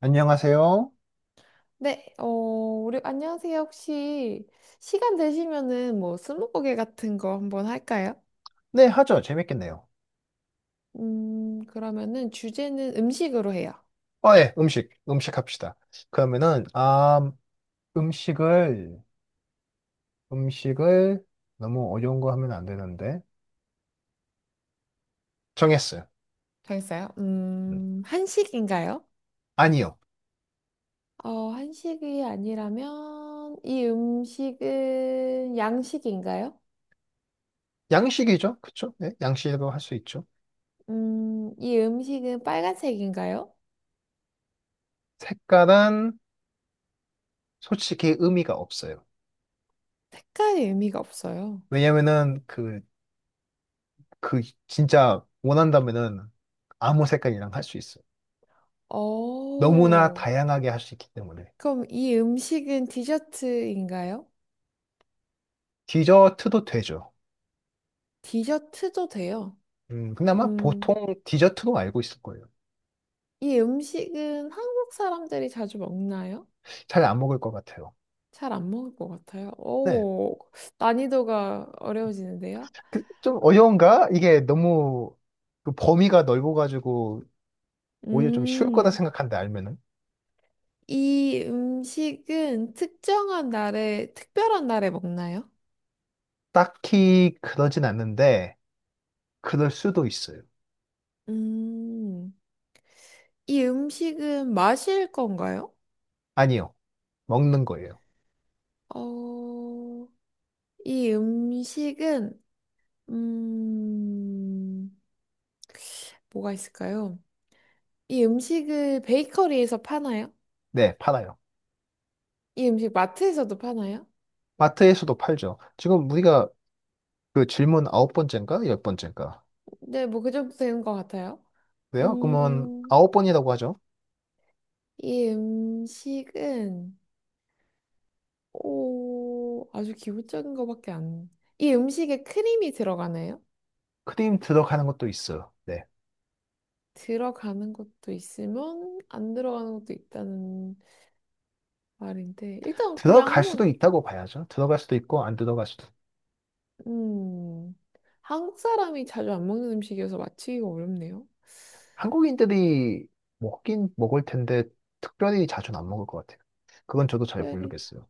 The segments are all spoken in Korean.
안녕하세요. 네, 우리 안녕하세요. 혹시 시간 되시면은 뭐 스무고개 같은 거 한번 할까요? 네, 하죠. 재밌겠네요. 그러면은 주제는 음식으로 해요. 어, 예, 음식, 음식 합시다. 그러면은, 아, 음식을, 음식을 너무 어려운 거 하면 안 되는데. 정했어요. 정했어요? 음. 한식인가요? 아니요. 어, 한식이 아니라면 이 음식은 양식인가요? 양식이죠. 그쵸? 네, 양식으로 할 수 있죠. 이 음식은 빨간색인가요? 색깔은 솔직히 의미가 없어요. 색깔이 의미가 없어요. 왜냐면은, 그, 진짜 원한다면은 아무 색깔이랑 할 수 있어요. 너무나 어, 다양하게 할 수 있기 때문에. 그럼 이 음식은 디저트인가요? 디저트도 되죠. 디저트도 돼요. 그나마 음, 보통 디저트로 알고 있을 거예요. 이 음식은 한국 사람들이 자주 먹나요? 잘 안 먹을 것 같아요. 잘 안 먹을 것 같아요. 네. 오, 난이도가 어려워지는데요. 좀 어려운가? 이게 너무 그 범위가 넓어가지고 오히려 좀 쉬울 거다 음, 생각한데 알면은 이 음식은 특정한 날에, 특별한 날에 먹나요? 딱히 그러진 않는데 그럴 수도 있어요. 음, 이 음식은 마실 건가요? 아니요. 먹는 거예요. 어, 이 음식은, 음, 뭐가 있을까요? 이 음식을 베이커리에서 파나요? 네, 팔아요. 이 음식 마트에서도 파나요? 마트에서도 팔죠. 지금 우리가 그 질문 아홉 번째인가? 열 번째인가? 네, 뭐 그 정도 되는 것 같아요. 그래요? 그러면 음, 아홉 번이라고 하죠. 이 음식은 오, 아주 기본적인 것밖에 안. 이 음식에 크림이 들어가나요? 크림 들어가는 것도 있어요. 네. 들어가는 것도 있으면 안 들어가는 것도 있다는 말인데 일단 그냥 들어갈 수도 한번 있다고 봐야죠. 들어갈 수도 있고 안 들어갈 수도 음, 한국 사람이 자주 안 먹는 음식이어서 맞히기가 어렵네요. 한국인들이 먹긴 먹을 텐데 특별히 자주는 안 먹을 것 같아요. 그건 저도 잘 특별히 모르겠어요.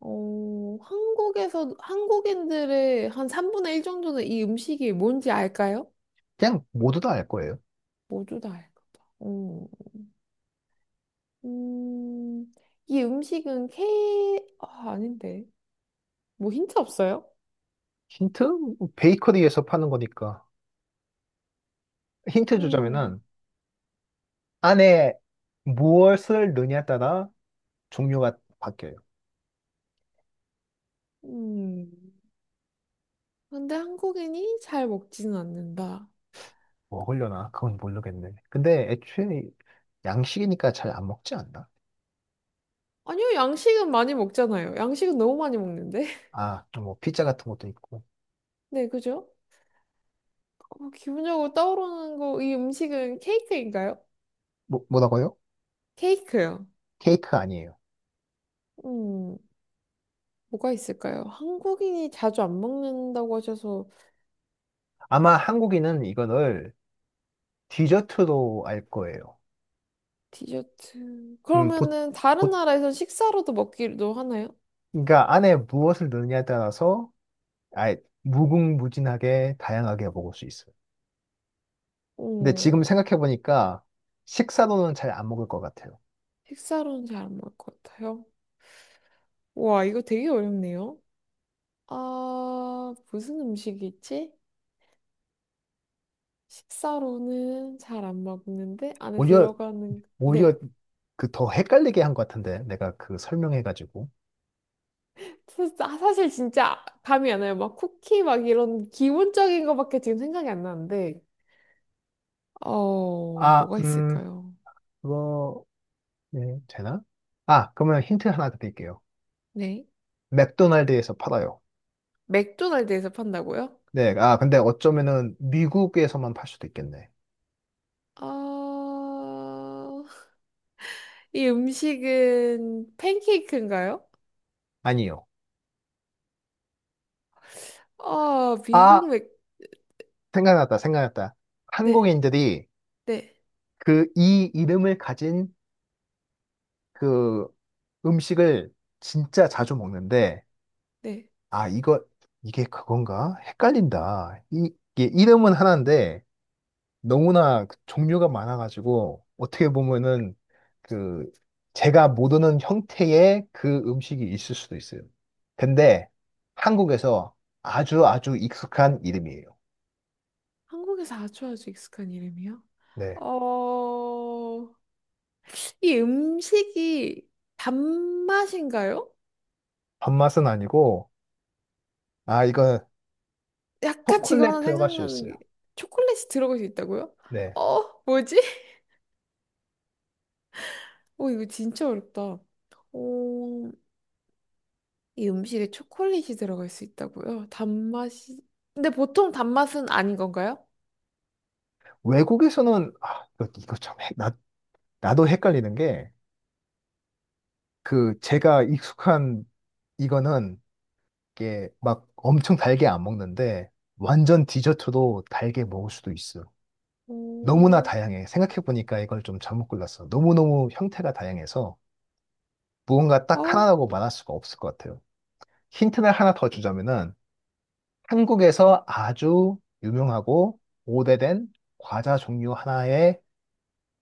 어, 한국에서 한국인들의 한 3분의 1 정도는 이 음식이 뭔지 알까요? 그냥 모두 다 알 거예요. 모두 다 할까 봐. 음, 이 음식은 케... 아, 아닌데. 뭐 힌트 없어요? 힌트? 뭐 베이커리에서 파는 거니까. 힌트 음, 주자면은 안에 무엇을 넣냐에 따라 종류가 바뀌어요. 음. 근데 한국인이 잘 먹지는 않는다. 먹으려나? 그건 모르겠네. 근데 애초에 양식이니까 잘 안 먹지 않나? 아니요, 양식은 많이 먹잖아요. 양식은 너무 많이 먹는데. 아, 또뭐 피자 같은 것도 있고. 네, 그죠? 어, 기본적으로 떠오르는 거, 이 음식은 케이크인가요? 뭐, 뭐라고요? 케이크요. 케이크 아니에요. 음, 뭐가 있을까요? 한국인이 자주 안 먹는다고 하셔서 아마 한국인은 이거를 디저트로 알 거예요. 디저트. 음, 보, 그러면은 다른 나라에서 식사로도 먹기도 하나요? 그러니까 안에 무엇을 넣느냐에 따라서 아예 무궁무진하게 다양하게 먹을 수 있어요. 근데 어, 지금 생각해보니까 식사로는 잘 안 먹을 것 같아요. 식사로는 잘 안 먹을 것 같아요. 와, 이거 되게 어렵네요. 아, 무슨 음식이 지 식사로는 잘 안 먹는데 안에 오히려, 들어가는 오히려 네. 그 더 헷갈리게 한 것 같은데, 내가 그 설명해가지고. 사실 진짜 감이 안 와요. 막 쿠키 막 이런 기본적인 거밖에 지금 생각이 안 나는데. 어, 아, 뭐가 있을까요? 그거, 네, 되나? 아, 그러면 힌트 하나 드릴게요. 네. 맥도날드에서 팔아요. 맥도날드에서 판다고요? 네, 아, 근데 어쩌면은 미국에서만 팔 수도 있겠네. 아, 이 음식은 팬케이크인가요? 아니요. 아, 미국 아, 맥, 생각났다, 생각났다. 네. 한국인들이 네, 그 이 이름을 가진 그 음식을 진짜 자주 먹는데, 네. 아, 이거, 이게 그건가? 헷갈린다. 이게 이름은 하나인데, 너무나 그 종류가 많아가지고, 어떻게 보면은, 그, 제가 모르는 형태의 그 음식이 있을 수도 있어요. 근데, 한국에서 아주 아주 익숙한 이름이에요. 한국에서 아주 아주 익숙한 이름이요? 네. 어, 이 음식이 단맛인가요? 밥맛은 아니고, 아, 이건 약간 지금 초콜릿 하나 들어갈 수 생각나는 게 있어요. 초콜릿이 들어갈 수 있다고요? 네. 어, 뭐지? 어, 이거 진짜 어렵다. 어, 이 음식에 초콜릿이 들어갈 수 있다고요? 단맛이. 근데 보통 단맛은 아닌 건가요? 외국에서는, 아, 이거 참, 나 나도 헷갈리는 게, 그, 제가 익숙한 이거는, 이게 막 엄청 달게 안 먹는데, 완전 디저트도 달게 먹을 수도 있어. 너무나 오, 다양해. 생각해보니까 이걸 좀 잘못 골랐어. 너무너무 형태가 다양해서, 무언가 어, 딱 하나라고 말할 수가 없을 것 같아요. 힌트를 하나 더 주자면은, 한국에서 아주 유명하고 오래된 과자 종류 하나의,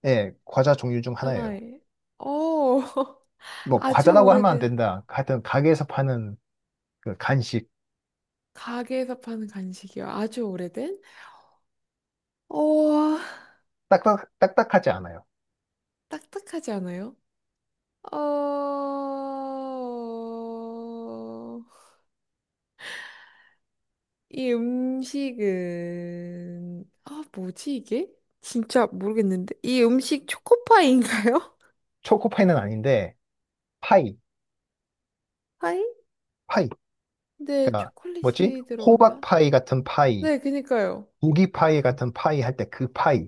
예, 과자 종류 중 하나예요. 하나에. 어, 뭐, 아주 과자라고 하면 안 오래된. 된다. 하여튼, 가게에서 파는 그 간식, 가게에서 파는 간식이요. 아주 오래된? 어, 딱딱하지 않아요. 딱딱하지 않아요? 어, 이 음식은, 아, 뭐지 이게? 진짜 모르겠는데. 이 음식 초코파이인가요? 초코파이는 아닌데, 파이, 파이? 파이. 네, 그러니까, 뭐지? 초콜릿이 들어간다. 호박파이 같은 파이, 네, 그니까요. 고기파이 같은 파이 할 때 그 파이.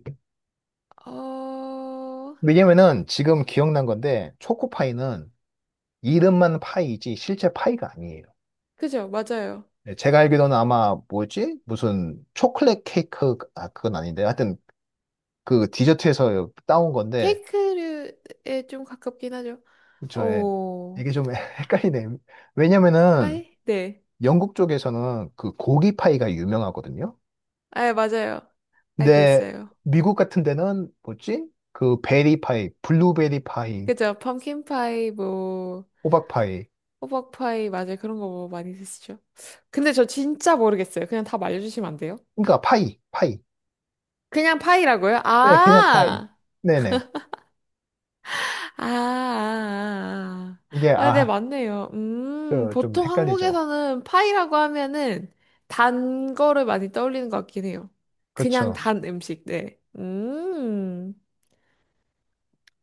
어, 왜냐면은 지금 기억난 건데, 초코파이는 이름만 파이지 실제 파이가 아니에요. 그죠, 맞아요. 네, 제가 알기로는 아마 뭐지? 무슨 초콜릿 케이크, 아, 그건 아닌데. 하여튼 그 디저트에서 따온 건데, 케이크류에 좀 가깝긴 하죠. 저의 오, 이게 좀 헷갈리네. 왜냐면은 파이? 네. 영국 쪽에서는 그 고기파이가 유명하거든요. 아, 맞아요. 알고 근데 있어요. 미국 같은 데는 뭐지? 그 베리 파이, 블루베리 파이, 그죠? 펌킨파이, 뭐, 호박 파이. 호박파이, 맞아요. 그런 거 뭐 많이 드시죠? 근데 저 진짜 모르겠어요. 그냥 답 알려주시면 안 돼요? 그러니까 파이, 파이. 그냥 파이라고요? 네, 그냥 파이. 아! 아, 네네. 아, 아. 이게 아, 아, 네, 아, 맞네요. 그, 좀 보통 헷갈리죠. 한국에서는 파이라고 하면은 단 거를 많이 떠올리는 것 같긴 해요. 그냥 그렇죠. 단 음식, 네.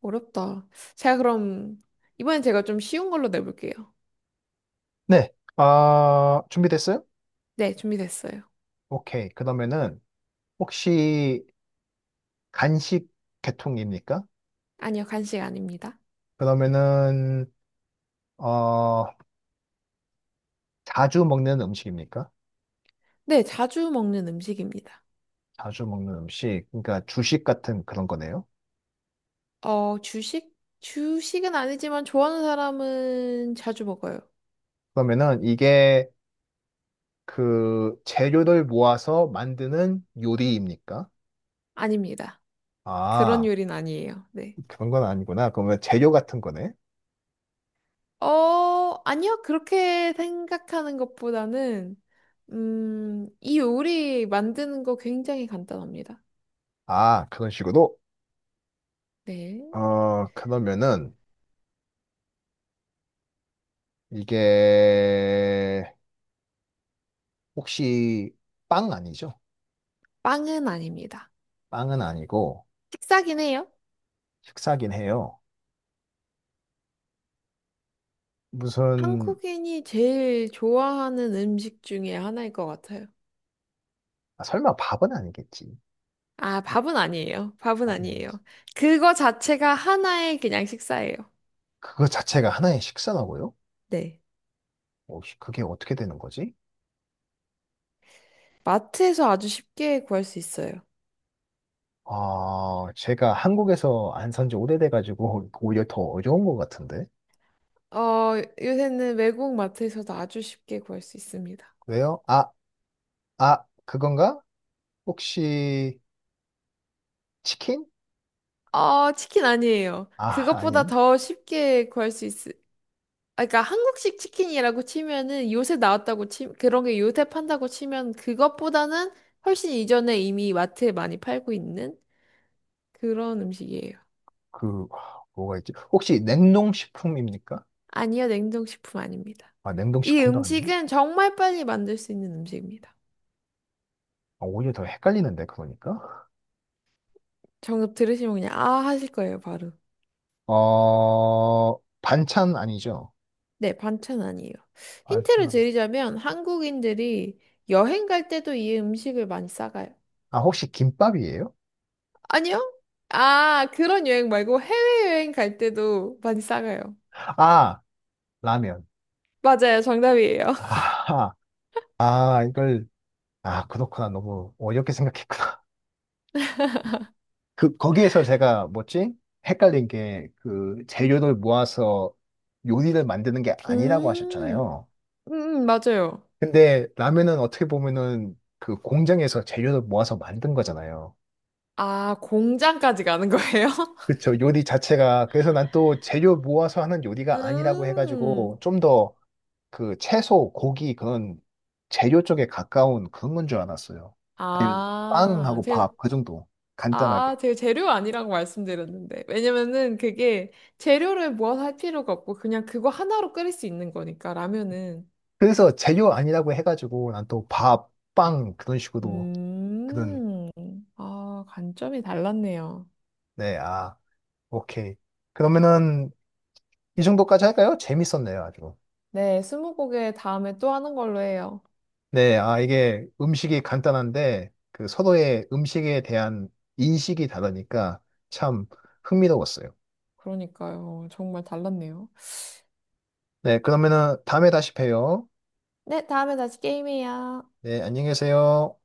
어렵다. 제가 그럼, 이번엔 제가 좀 쉬운 걸로 내볼게요. 네. 아, 준비됐어요? 네, 준비됐어요. 오케이. 그러면은 혹시 간식 계통입니까? 아니요, 간식 아닙니다. 그러면은 어, 자주 먹는 음식입니까? 네, 자주 먹는 음식입니다. 자주 먹는 음식. 그러니까 주식 같은 그런 거네요. 어, 주식? 주식은 아니지만 좋아하는 사람은 자주 먹어요. 그러면은 이게 그 재료를 모아서 만드는 요리입니까? 아닙니다. 그런 아, 요리는 아니에요. 네. 그런 건 아니구나. 그러면 재료 같은 거네. 어, 아니요. 그렇게 생각하는 것보다는, 이 요리 만드는 거 굉장히 간단합니다. 아, 그런 식으로? 네. 어, 그러면은 이게 혹시 빵 아니죠? 빵은 아닙니다. 빵은 아니고 식사긴 해요. 식사긴 해요. 무슨 한국인이 제일 좋아하는 음식 중에 하나일 것 같아요. 아, 설마 밥은 아니겠지? 아, 밥은 아니에요. 밥은 밥은 아니에요. 아니지. 그거 자체가 하나의 그냥 식사예요. 그거 자체가 하나의 식사라고요? 네. 어, 씨, 그게 어떻게 되는 거지? 마트에서 아주 쉽게 구할 수 있어요. 아, 제가 한국에서 안 산지 오래돼가지고 오히려 더 어려운 것 같은데. 어, 요새는 외국 마트에서도 아주 쉽게 구할 수 있습니다. 왜요? 아, 아, 그건가? 혹시 치킨? 어, 치킨 아니에요. 아, 그것보다 아닌. 더 쉽게 구할 수 있, 아, 그러니까 한국식 치킨이라고 치면은 요새 나왔다고 치, 그런 게 요새 판다고 치면 그것보다는 훨씬 이전에 이미 마트에 많이 팔고 있는 그런 음식이에요. 그 뭐가 있지? 혹시 냉동식품입니까? 아니요, 냉동식품 아닙니다. 아, 이 냉동식품도 아니나? 음식은 정말 빨리 만들 수 있는 음식입니다. 아, 오히려 더 헷갈리는데 그러니까. 정답 들으시면 그냥 아 하실 거예요, 바로. 어, 반찬 아니죠? 네, 반찬 아니에요. 힌트를 반찬. 드리자면 한국인들이 여행 갈 때도 이 음식을 많이 싸가요. 아, 혹시 김밥이에요? 아니요? 아, 그런 여행 말고 해외여행 갈 때도 많이 싸가요. 아, 라면. 맞아요, 정답이에요. 아, 아, 이걸 아, 그렇구나. 너무 어렵게 생각했구나. 그 거기에서 제가 뭐지? 헷갈린 게 그 재료를 모아서 요리를 만드는 게 아니라고 음, 하셨잖아요. 맞아요. 근데 라면은 어떻게 보면은 그 공장에서 재료를 모아서 만든 거잖아요. 아, 공장까지 가는 거예요? 그쵸. 요리 자체가 그래서 난 또 재료 모아서 하는 요리가 아니라고 해가지고 음, 좀 더 그 채소, 고기 그런 재료 쪽에 가까운 그런 건 줄 알았어요. 아니면 아, 빵하고 제가 밥 그 정도 아, 간단하게. 제가 재료 아니라고 말씀드렸는데. 왜냐면은 그게 재료를 모아서 할 필요가 없고 그냥 그거 하나로 끓일 수 있는 거니까 라면은. 그래서 재료 아니라고 해가지고 난 또 밥, 빵 그런 식으로 그런, 음. 아, 관점이 달랐네요. 네, 아, 오케이. 그러면은 이 정도까지 할까요? 재밌었네요, 아주. 네, 스무고개 다음에 또 하는 걸로 해요. 네, 아, 이게 음식이 간단한데 그 서로의 음식에 대한 인식이 다르니까 참 흥미로웠어요. 그러니까요. 정말 달랐네요. 네, 그러면은 다음에 다시 봬요. 네, 다음에 다시 게임해요. 네, 안녕히 계세요.